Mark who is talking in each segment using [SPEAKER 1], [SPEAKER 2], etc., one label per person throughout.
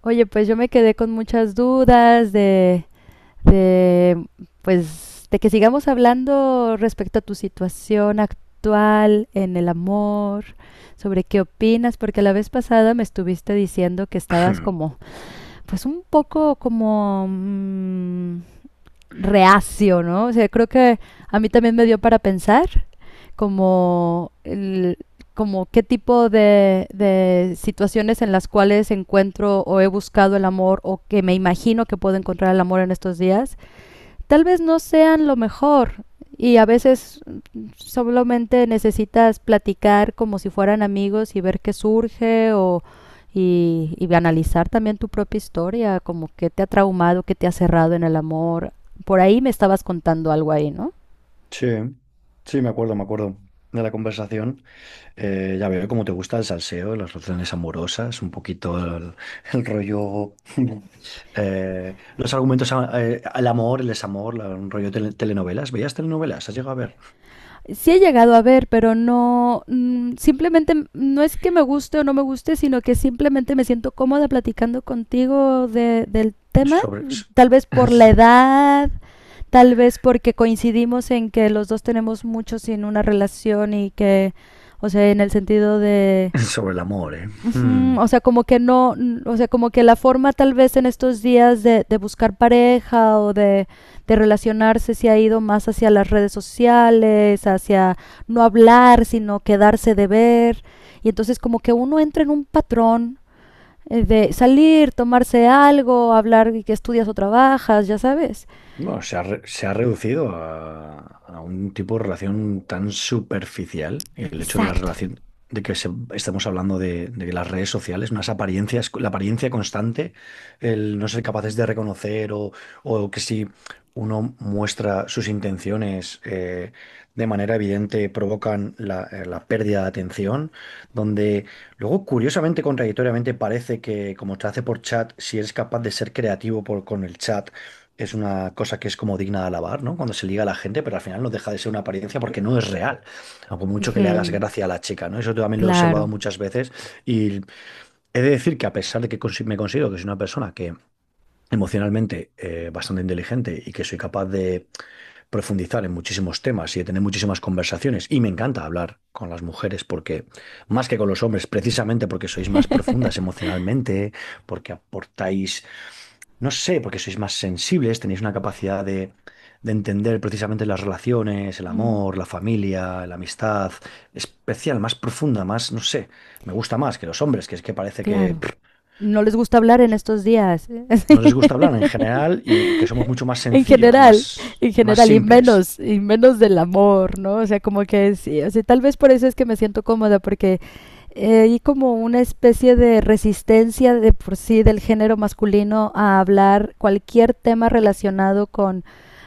[SPEAKER 1] Oye, pues yo me quedé con muchas dudas de, pues, de que sigamos hablando respecto a tu situación actual en el amor, sobre qué opinas, porque la vez pasada me estuviste diciendo que estabas como, pues un poco como, reacio, ¿no? O sea, creo que a mí también me dio para pensar como, el, como qué tipo de situaciones en las cuales encuentro o he buscado el amor o que me imagino que puedo encontrar el amor en estos días, tal vez no sean lo mejor y a veces solamente necesitas platicar como si fueran amigos y ver qué surge y analizar también tu propia historia, como qué te ha traumado, qué te ha cerrado en el amor. Por ahí me estabas contando algo ahí, ¿no?
[SPEAKER 2] Sí, sí, me acuerdo, de la conversación. Ya veo cómo te gusta el salseo, las relaciones amorosas, un poquito el rollo, los argumentos, al amor, el desamor, un rollo telenovelas. ¿Veías telenovelas? ¿Has llegado a ver?
[SPEAKER 1] Sí he llegado a ver, pero no, simplemente no es que me guste o no me guste, sino que simplemente me siento cómoda platicando contigo del tema,
[SPEAKER 2] Sobre,
[SPEAKER 1] tal vez por la edad, tal vez porque coincidimos en que los dos tenemos mucho sin una relación y que, o sea, en el sentido de.
[SPEAKER 2] Sobre el amor, ¿eh? Hmm.
[SPEAKER 1] Ujú. O sea, como que no, o sea, como que la forma tal vez en estos días de buscar pareja de relacionarse se ha ido más hacia las redes sociales, hacia no hablar, sino quedarse de ver. Y entonces como que uno entra en un patrón de salir, tomarse algo, hablar y que estudias o trabajas, ya sabes.
[SPEAKER 2] Bueno, se ha reducido a un tipo de relación tan superficial. El hecho de la
[SPEAKER 1] Exacto.
[SPEAKER 2] relación, de que estemos hablando de que las redes sociales, unas apariencias, la apariencia constante, el no ser capaces de reconocer o que si uno muestra sus intenciones de manera evidente provocan la pérdida de atención, donde luego, curiosamente, contradictoriamente, parece que como te hace por chat, si eres capaz de ser creativo con el chat, es una cosa que es como digna de alabar, ¿no? Cuando se liga a la gente, pero al final no deja de ser una apariencia porque no es real, a por mucho que
[SPEAKER 1] Ujú.
[SPEAKER 2] le hagas gracia a la chica, ¿no? Eso también lo he observado
[SPEAKER 1] Claro.
[SPEAKER 2] muchas veces, y he de decir que a pesar de que me considero que soy una persona que emocionalmente bastante inteligente y que soy capaz de profundizar en muchísimos temas y de tener muchísimas conversaciones, y me encanta hablar con las mujeres, porque más que con los hombres, precisamente porque sois más profundas emocionalmente, porque aportáis, no sé, porque sois más sensibles, tenéis una capacidad de entender precisamente las relaciones, el
[SPEAKER 1] Mm,
[SPEAKER 2] amor, la familia, la amistad, especial, más profunda, más, no sé. Me gusta más que los hombres, que es que parece que
[SPEAKER 1] claro.
[SPEAKER 2] pff,
[SPEAKER 1] No les gusta hablar en estos días.
[SPEAKER 2] no les gusta hablar en general, y que somos mucho más
[SPEAKER 1] en
[SPEAKER 2] sencillos,
[SPEAKER 1] general,
[SPEAKER 2] más,
[SPEAKER 1] en
[SPEAKER 2] más
[SPEAKER 1] general,
[SPEAKER 2] simples.
[SPEAKER 1] y menos del amor, ¿no? O sea, como que sí, o sea, tal vez por eso es que me siento cómoda, porque hay como una especie de resistencia de por sí del género masculino a hablar cualquier tema relacionado con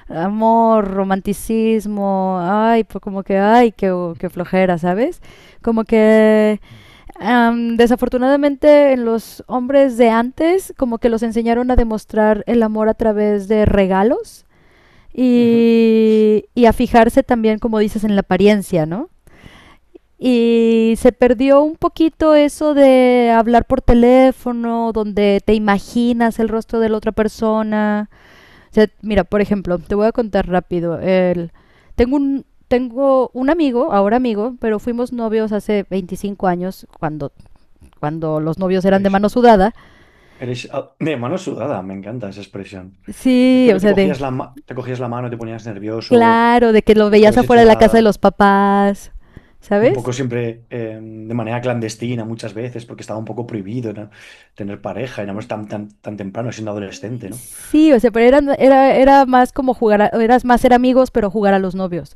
[SPEAKER 1] amor, romanticismo, ay, pues como que, ay, qué, qué flojera, ¿sabes? Como que. Desafortunadamente en los hombres de antes como que los enseñaron a demostrar el amor a través de regalos
[SPEAKER 2] Ujú.
[SPEAKER 1] y a fijarse también, como dices, en la apariencia, ¿no? Y se perdió un poquito eso de hablar por teléfono, donde te imaginas el rostro de la otra persona. O sea, mira, por ejemplo, te voy a contar rápido. Tengo tengo un amigo, ahora amigo, pero fuimos novios hace 25 años, cuando los novios eran de
[SPEAKER 2] Eres,
[SPEAKER 1] mano sudada.
[SPEAKER 2] eres de mano sudada. Me encanta esa expresión.
[SPEAKER 1] Sí,
[SPEAKER 2] Esto
[SPEAKER 1] o
[SPEAKER 2] que
[SPEAKER 1] sea, de.
[SPEAKER 2] te cogías la mano y te ponías nervioso,
[SPEAKER 1] Claro, de que los
[SPEAKER 2] nunca
[SPEAKER 1] veías
[SPEAKER 2] habías
[SPEAKER 1] afuera
[SPEAKER 2] hecho
[SPEAKER 1] de la casa de
[SPEAKER 2] nada.
[SPEAKER 1] los papás,
[SPEAKER 2] Un
[SPEAKER 1] ¿sabes?
[SPEAKER 2] poco siempre, de manera clandestina muchas veces, porque estaba un poco prohibido, ¿no? Tener pareja, éramos tan, tan, tan temprano, siendo adolescente, ¿no?
[SPEAKER 1] Sí, o sea, pero eran, era, era más como jugar, eras más ser amigos, pero jugar a los novios.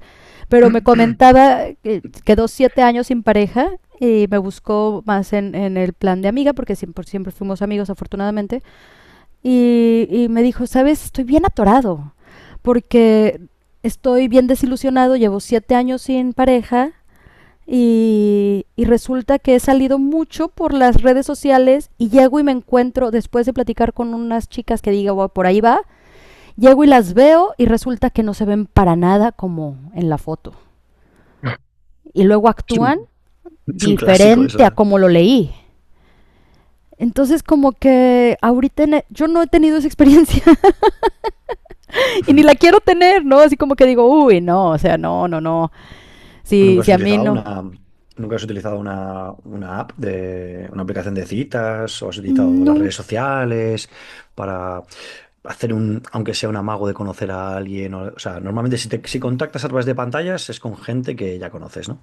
[SPEAKER 1] Pero me comentaba que quedó 7 años sin pareja y me buscó más en el plan de amiga, porque siempre, siempre fuimos amigos, afortunadamente. Y me dijo, ¿sabes? Estoy bien atorado, porque estoy bien desilusionado, llevo 7 años sin pareja. Y resulta que he salido mucho por las redes sociales y llego y me encuentro, después de platicar con unas chicas que digo, "Wow, por ahí va, llego y las veo y resulta que no se ven para nada como en la foto. Y luego
[SPEAKER 2] Es un,
[SPEAKER 1] actúan
[SPEAKER 2] es un clásico
[SPEAKER 1] diferente
[SPEAKER 2] eso,
[SPEAKER 1] a
[SPEAKER 2] ¿eh?
[SPEAKER 1] como lo leí". Entonces como que ahorita yo no he tenido esa experiencia y ni
[SPEAKER 2] Ujú.
[SPEAKER 1] la quiero tener, ¿no? Así como que digo, uy, no, o sea, no, no, no, sí,
[SPEAKER 2] ¿Nunca has
[SPEAKER 1] sí a mí
[SPEAKER 2] utilizado
[SPEAKER 1] no.
[SPEAKER 2] una app, de una aplicación de citas, o has utilizado las
[SPEAKER 1] Nunca.
[SPEAKER 2] redes sociales para hacer aunque sea un amago de conocer a alguien? O sea, normalmente, si te, si contactas a través de pantallas, es con gente que ya conoces, ¿no?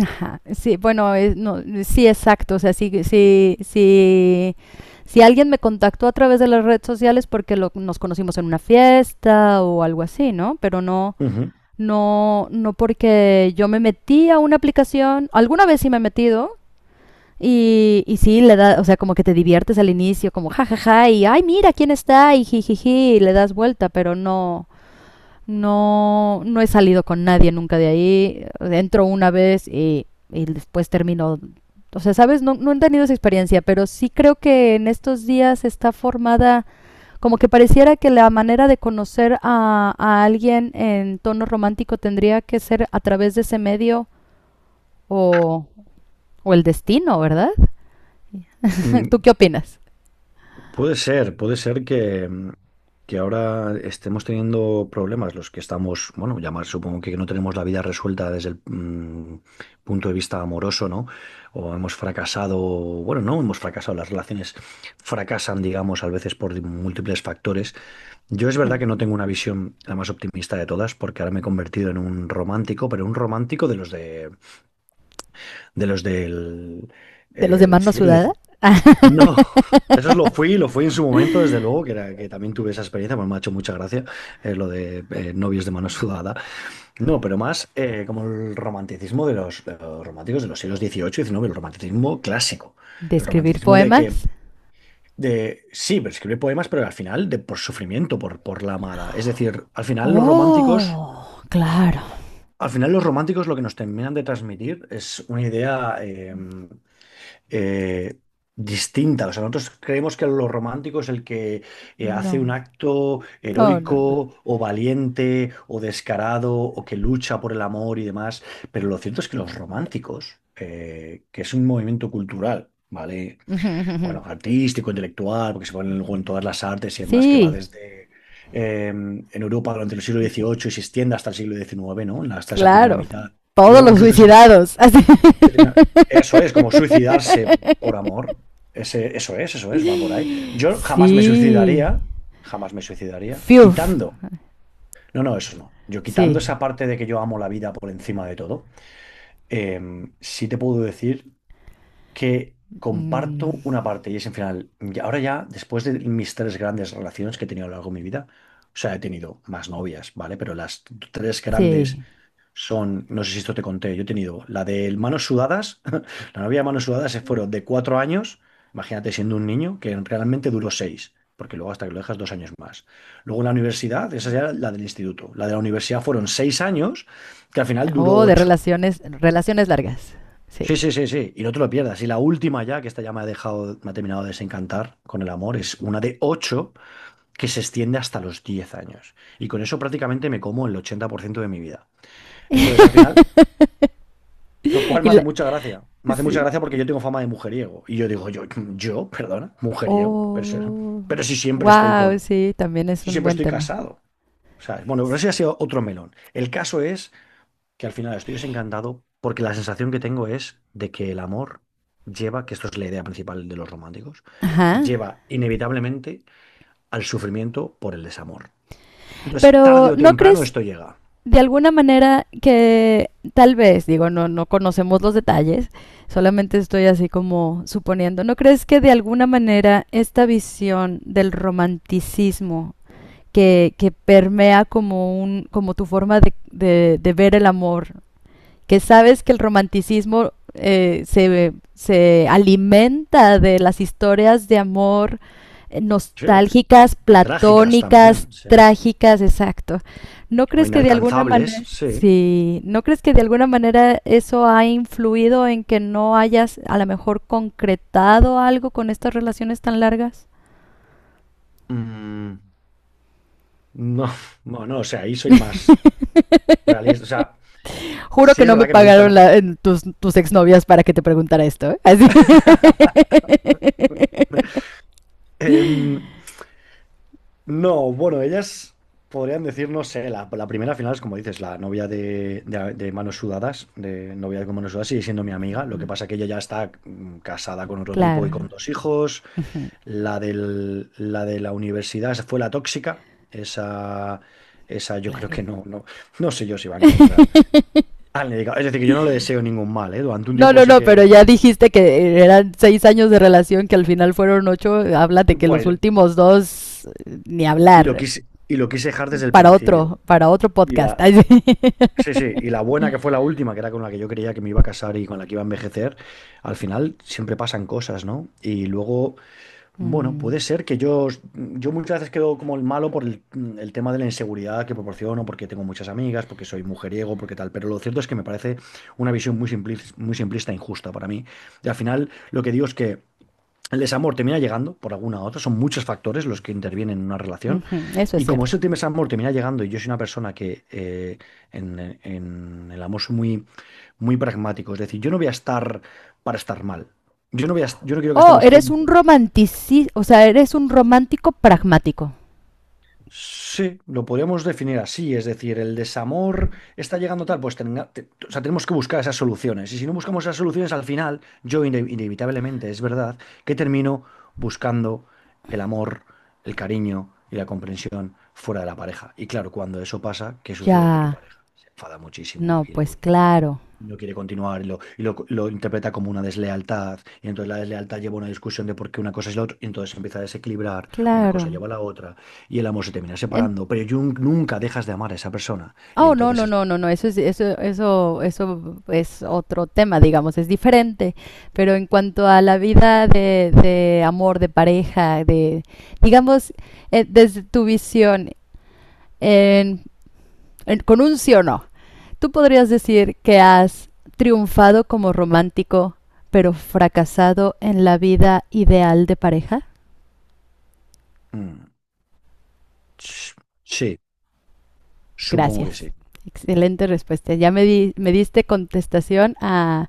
[SPEAKER 1] Ajá, sí, bueno, no, sí, exacto. O sea, sí, sí, sí, si alguien me contactó a través de las redes sociales porque nos conocimos en una fiesta o algo así, ¿no? Pero no,
[SPEAKER 2] Ujú.
[SPEAKER 1] no, no porque yo me metí a una aplicación. Alguna vez sí me he metido y sí, le da, o sea, como que te diviertes al inicio, como jajaja, y ay, mira quién está, y jijiji, y le das vuelta, pero no, no, no he salido con nadie nunca de ahí. Entro una vez y después termino. O sea, ¿sabes? No, no he tenido esa experiencia, pero sí creo que en estos días está formada, como que pareciera que la manera de conocer a alguien en tono romántico tendría que ser a través de ese medio o, o el destino, ¿verdad? ¿Tú qué opinas?
[SPEAKER 2] Puede ser que ahora estemos teniendo problemas, los que estamos, bueno, ya más, supongo que no tenemos la vida resuelta desde el punto de vista amoroso, ¿no? O hemos fracasado, bueno, no hemos fracasado, las relaciones fracasan, digamos, a veces por múltiples factores. Yo, es verdad que no tengo una visión la más optimista de todas, porque ahora me he convertido en un romántico, pero un romántico de los del
[SPEAKER 1] ¿De los demás
[SPEAKER 2] el
[SPEAKER 1] no
[SPEAKER 2] siglo.
[SPEAKER 1] sudada?
[SPEAKER 2] No, eso es lo fui en su momento, desde luego, que era que también tuve esa experiencia. Pues me ha hecho mucha gracia lo de novios de mano sudada. No, pero más, como el romanticismo de los, románticos de los siglos XVIII y XIX, el romanticismo clásico,
[SPEAKER 1] ¿De
[SPEAKER 2] el
[SPEAKER 1] escribir
[SPEAKER 2] romanticismo
[SPEAKER 1] poemas?
[SPEAKER 2] sí, pero escribe poemas, pero al final, de, por sufrimiento, por la amada. Es decir, al final los románticos…
[SPEAKER 1] Oh, claro.
[SPEAKER 2] Al final los románticos lo que nos terminan de transmitir es una idea, eh, distinta. O sea, nosotros creemos que lo romántico es el que hace un
[SPEAKER 1] No,
[SPEAKER 2] acto
[SPEAKER 1] no, no, no.
[SPEAKER 2] heroico o valiente o descarado o que lucha por el amor y demás. Pero lo cierto es que los románticos, que es un movimiento cultural, ¿vale?
[SPEAKER 1] Ujú, ujú.
[SPEAKER 2] Bueno, artístico, intelectual, porque se ponen luego en todas las artes y demás, que va
[SPEAKER 1] Sí,
[SPEAKER 2] desde… en Europa durante el siglo XVIII, y se extiende hasta el siglo XIX, ¿no? Hasta esa primera
[SPEAKER 1] claro.
[SPEAKER 2] mitad. Y
[SPEAKER 1] Todos
[SPEAKER 2] luego
[SPEAKER 1] los
[SPEAKER 2] incluso
[SPEAKER 1] suicidados. Así.
[SPEAKER 2] se termina- eso es, como suicidarse por amor. Eso es, va por ahí. Yo jamás me
[SPEAKER 1] Sí.
[SPEAKER 2] suicidaría, jamás me suicidaría,
[SPEAKER 1] Fiuf.
[SPEAKER 2] quitando. No, no, eso no. Yo, quitando esa
[SPEAKER 1] Sí.
[SPEAKER 2] parte de que yo amo la vida por encima de todo, sí te puedo decir que
[SPEAKER 1] Mm.
[SPEAKER 2] comparto una parte, y es en final. Y ahora ya, después de mis tres grandes relaciones que he tenido a lo largo de mi vida, o sea, he tenido más novias, ¿vale? Pero las tres grandes
[SPEAKER 1] Sí.
[SPEAKER 2] son, no sé si esto te conté, yo he tenido la de manos sudadas, la novia de manos sudadas, se fueron de 4 años, imagínate, siendo un niño, que realmente duró 6, porque luego hasta que lo dejas, 2 años más. Luego en la universidad, esa ya era la del instituto, la de la universidad fueron 6 años, que al final duró
[SPEAKER 1] Oh, de
[SPEAKER 2] 8.
[SPEAKER 1] relaciones, relaciones largas. Sí.
[SPEAKER 2] Sí, sí, sí, sí, y no te lo pierdas. Y la última ya, que esta ya me ha dejado, me ha terminado de desencantar con el amor, es una de 8 que se extiende hasta los 10 años. Y con eso prácticamente me como el 80% de mi vida. Entonces, al final, lo cual
[SPEAKER 1] Y
[SPEAKER 2] me hace
[SPEAKER 1] la-
[SPEAKER 2] mucha gracia. Me hace mucha
[SPEAKER 1] sí.
[SPEAKER 2] gracia porque yo tengo fama de mujeriego. Y yo digo, yo, perdona, mujeriego. Pero, si-
[SPEAKER 1] Oh.
[SPEAKER 2] pero si siempre estoy
[SPEAKER 1] Wow,
[SPEAKER 2] con,
[SPEAKER 1] sí, también es
[SPEAKER 2] si
[SPEAKER 1] un
[SPEAKER 2] siempre
[SPEAKER 1] buen
[SPEAKER 2] estoy
[SPEAKER 1] tema.
[SPEAKER 2] casado. ¿Sabes? Bueno, pero ese ha sido otro melón. El caso es que al final estoy desencantado, porque la sensación que tengo es de que el amor lleva, que esto es la idea principal de los románticos,
[SPEAKER 1] Ajá.
[SPEAKER 2] lleva inevitablemente al sufrimiento por el desamor. Entonces, tarde
[SPEAKER 1] Pero
[SPEAKER 2] o
[SPEAKER 1] ¿no
[SPEAKER 2] temprano
[SPEAKER 1] crees
[SPEAKER 2] esto llega.
[SPEAKER 1] de alguna manera que tal vez, digo, no, no conocemos los detalles, solamente estoy así como suponiendo, ¿no crees que de alguna manera esta visión del romanticismo que permea como, un, como tu forma de ver el amor, que sabes que el romanticismo se, se alimenta de las historias de amor
[SPEAKER 2] Sí,
[SPEAKER 1] nostálgicas,
[SPEAKER 2] y trágicas también,
[SPEAKER 1] platónicas,
[SPEAKER 2] sí.
[SPEAKER 1] trágicas, exacto? ¿No
[SPEAKER 2] O
[SPEAKER 1] crees que de alguna
[SPEAKER 2] inalcanzables,
[SPEAKER 1] manera,
[SPEAKER 2] sí.
[SPEAKER 1] sí, no crees que de alguna manera eso ha influido en que no hayas a lo mejor concretado algo con estas relaciones tan largas?
[SPEAKER 2] Mm. No, no, no, o sea, ahí soy más realista. O sea,
[SPEAKER 1] Juro
[SPEAKER 2] sí,
[SPEAKER 1] que
[SPEAKER 2] es
[SPEAKER 1] no me
[SPEAKER 2] verdad que me
[SPEAKER 1] pagaron
[SPEAKER 2] gustan.
[SPEAKER 1] en tus, tus exnovias para que te preguntara esto, ¿eh? Así.
[SPEAKER 2] Em, no, bueno, ellas podrían decir, no sé, la primera final es como dices, la novia de manos sudadas, de novia con manos sudadas, sigue siendo mi amiga. Lo que pasa que ella ya está casada con otro tipo y
[SPEAKER 1] Claro.
[SPEAKER 2] con dos hijos.
[SPEAKER 1] Ujú.
[SPEAKER 2] La de la universidad, esa fue la tóxica. Esa, esa yo creo
[SPEAKER 1] Claro.
[SPEAKER 2] que no, no, no sé yo si va a encontrar a alguien dedicado. Es decir, que yo no le deseo ningún mal, ¿eh? Durante un
[SPEAKER 1] No,
[SPEAKER 2] tiempo
[SPEAKER 1] no,
[SPEAKER 2] sí
[SPEAKER 1] no, pero
[SPEAKER 2] que.
[SPEAKER 1] ya dijiste que eran 6 años de relación, que al final fueron ocho. Habla de que los
[SPEAKER 2] Bueno,
[SPEAKER 1] últimos dos, ni
[SPEAKER 2] y lo
[SPEAKER 1] hablar.
[SPEAKER 2] quise, y lo quise dejar desde el principio.
[SPEAKER 1] Para otro
[SPEAKER 2] Y
[SPEAKER 1] podcast.
[SPEAKER 2] la,
[SPEAKER 1] Ay, sí.
[SPEAKER 2] sí, sí, y la buena que fue la última, que era con la que yo creía que me iba a casar y con la que iba a envejecer, al final siempre pasan cosas, ¿no? Y luego, bueno, puede
[SPEAKER 1] Mm,
[SPEAKER 2] ser que yo, muchas veces quedo como el malo por el tema de la inseguridad que proporciono, porque tengo muchas amigas, porque soy mujeriego, porque tal, pero lo cierto es que me parece una visión muy simplista e injusta para mí. Y al final, lo que digo es que el desamor termina llegando por alguna u otra, son muchos factores los que intervienen en una relación.
[SPEAKER 1] ujú. Eso es
[SPEAKER 2] Y como
[SPEAKER 1] cierto.
[SPEAKER 2] ese tema desamor termina llegando, y yo soy una persona que en el amor soy muy, muy pragmático. Es decir, yo no voy a estar para estar mal. Yo no quiero que
[SPEAKER 1] Oh,
[SPEAKER 2] estemos
[SPEAKER 1] eres un
[SPEAKER 2] juntos.
[SPEAKER 1] romantici, o sea, eres un romántico pragmático.
[SPEAKER 2] Sí, lo podríamos definir así. Es decir, el desamor está llegando tal, pues o sea, tenemos que buscar esas soluciones. Y si no buscamos esas soluciones, al final, yo inevitablemente, es verdad, que termino buscando el amor, el cariño y la comprensión fuera de la pareja. Y claro, cuando eso pasa, ¿qué sucede? Que tu
[SPEAKER 1] Ya.
[SPEAKER 2] pareja se enfada muchísimo,
[SPEAKER 1] No,
[SPEAKER 2] y
[SPEAKER 1] pues
[SPEAKER 2] lo
[SPEAKER 1] claro,
[SPEAKER 2] no quiere continuar, lo interpreta como una deslealtad. Y entonces la deslealtad lleva a una discusión de por qué una cosa es la otra. Y entonces se empieza a desequilibrar, una cosa
[SPEAKER 1] claro.
[SPEAKER 2] lleva a la otra, y el amor se termina
[SPEAKER 1] En-.
[SPEAKER 2] separando. Pero Jung nunca dejas de amar a esa persona. Y
[SPEAKER 1] Oh, no,
[SPEAKER 2] entonces
[SPEAKER 1] no,
[SPEAKER 2] es
[SPEAKER 1] no,
[SPEAKER 2] lo que
[SPEAKER 1] no, no,
[SPEAKER 2] llega.
[SPEAKER 1] eso es, eso es otro tema, digamos, es diferente. Pero en cuanto a la vida de amor, de pareja, de, digamos, desde tu visión, en- en- con un sí o no, tú podrías decir que has triunfado como romántico, pero fracasado en la vida ideal de pareja.
[SPEAKER 2] Mm, ch- sí, supongo
[SPEAKER 1] Gracias.
[SPEAKER 2] que sí.
[SPEAKER 1] Excelente respuesta. Ya me, me diste contestación a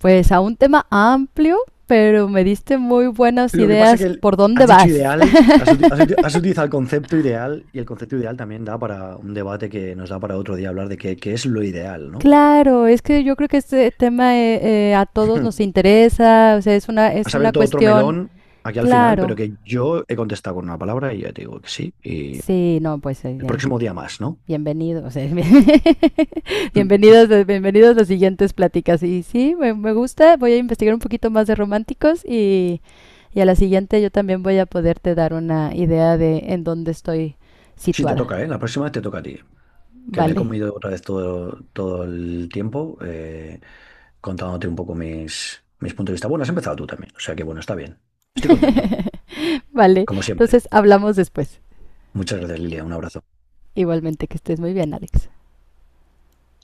[SPEAKER 1] pues a un tema amplio, pero me diste muy buenas
[SPEAKER 2] Lo que pasa que
[SPEAKER 1] ideas por dónde
[SPEAKER 2] has dicho
[SPEAKER 1] vas.
[SPEAKER 2] ideal, has utilizado el concepto ideal, y el concepto ideal también da para un debate, que nos da para otro día hablar de qué, es lo ideal, ¿no?
[SPEAKER 1] claro, es que yo creo que este tema a todos nos interesa, o sea, es
[SPEAKER 2] Has
[SPEAKER 1] una
[SPEAKER 2] abierto otro
[SPEAKER 1] cuestión,
[SPEAKER 2] melón aquí al final, pero
[SPEAKER 1] claro.
[SPEAKER 2] que yo he contestado con una palabra, y ya te digo que sí. Y
[SPEAKER 1] Sí, no, pues
[SPEAKER 2] el próximo día más, ¿no?
[SPEAKER 1] bienvenidos, o sea, bienvenidos, bienvenidos a las siguientes pláticas. Y sí, me gusta, voy a investigar un poquito más de románticos y a la siguiente yo también voy a poderte dar una idea de en dónde estoy
[SPEAKER 2] Sí, te
[SPEAKER 1] situada.
[SPEAKER 2] toca, ¿eh? La próxima vez te toca a ti. Que me he
[SPEAKER 1] Vale.
[SPEAKER 2] comido otra vez todo, todo el tiempo, contándote un poco mis, puntos de vista. Bueno, has empezado tú también, o sea que bueno, está bien. Estoy contento,
[SPEAKER 1] Vale,
[SPEAKER 2] como siempre.
[SPEAKER 1] entonces hablamos después.
[SPEAKER 2] Muchas gracias, Lilia. Un abrazo.
[SPEAKER 1] Igualmente, que estés muy bien, Alex.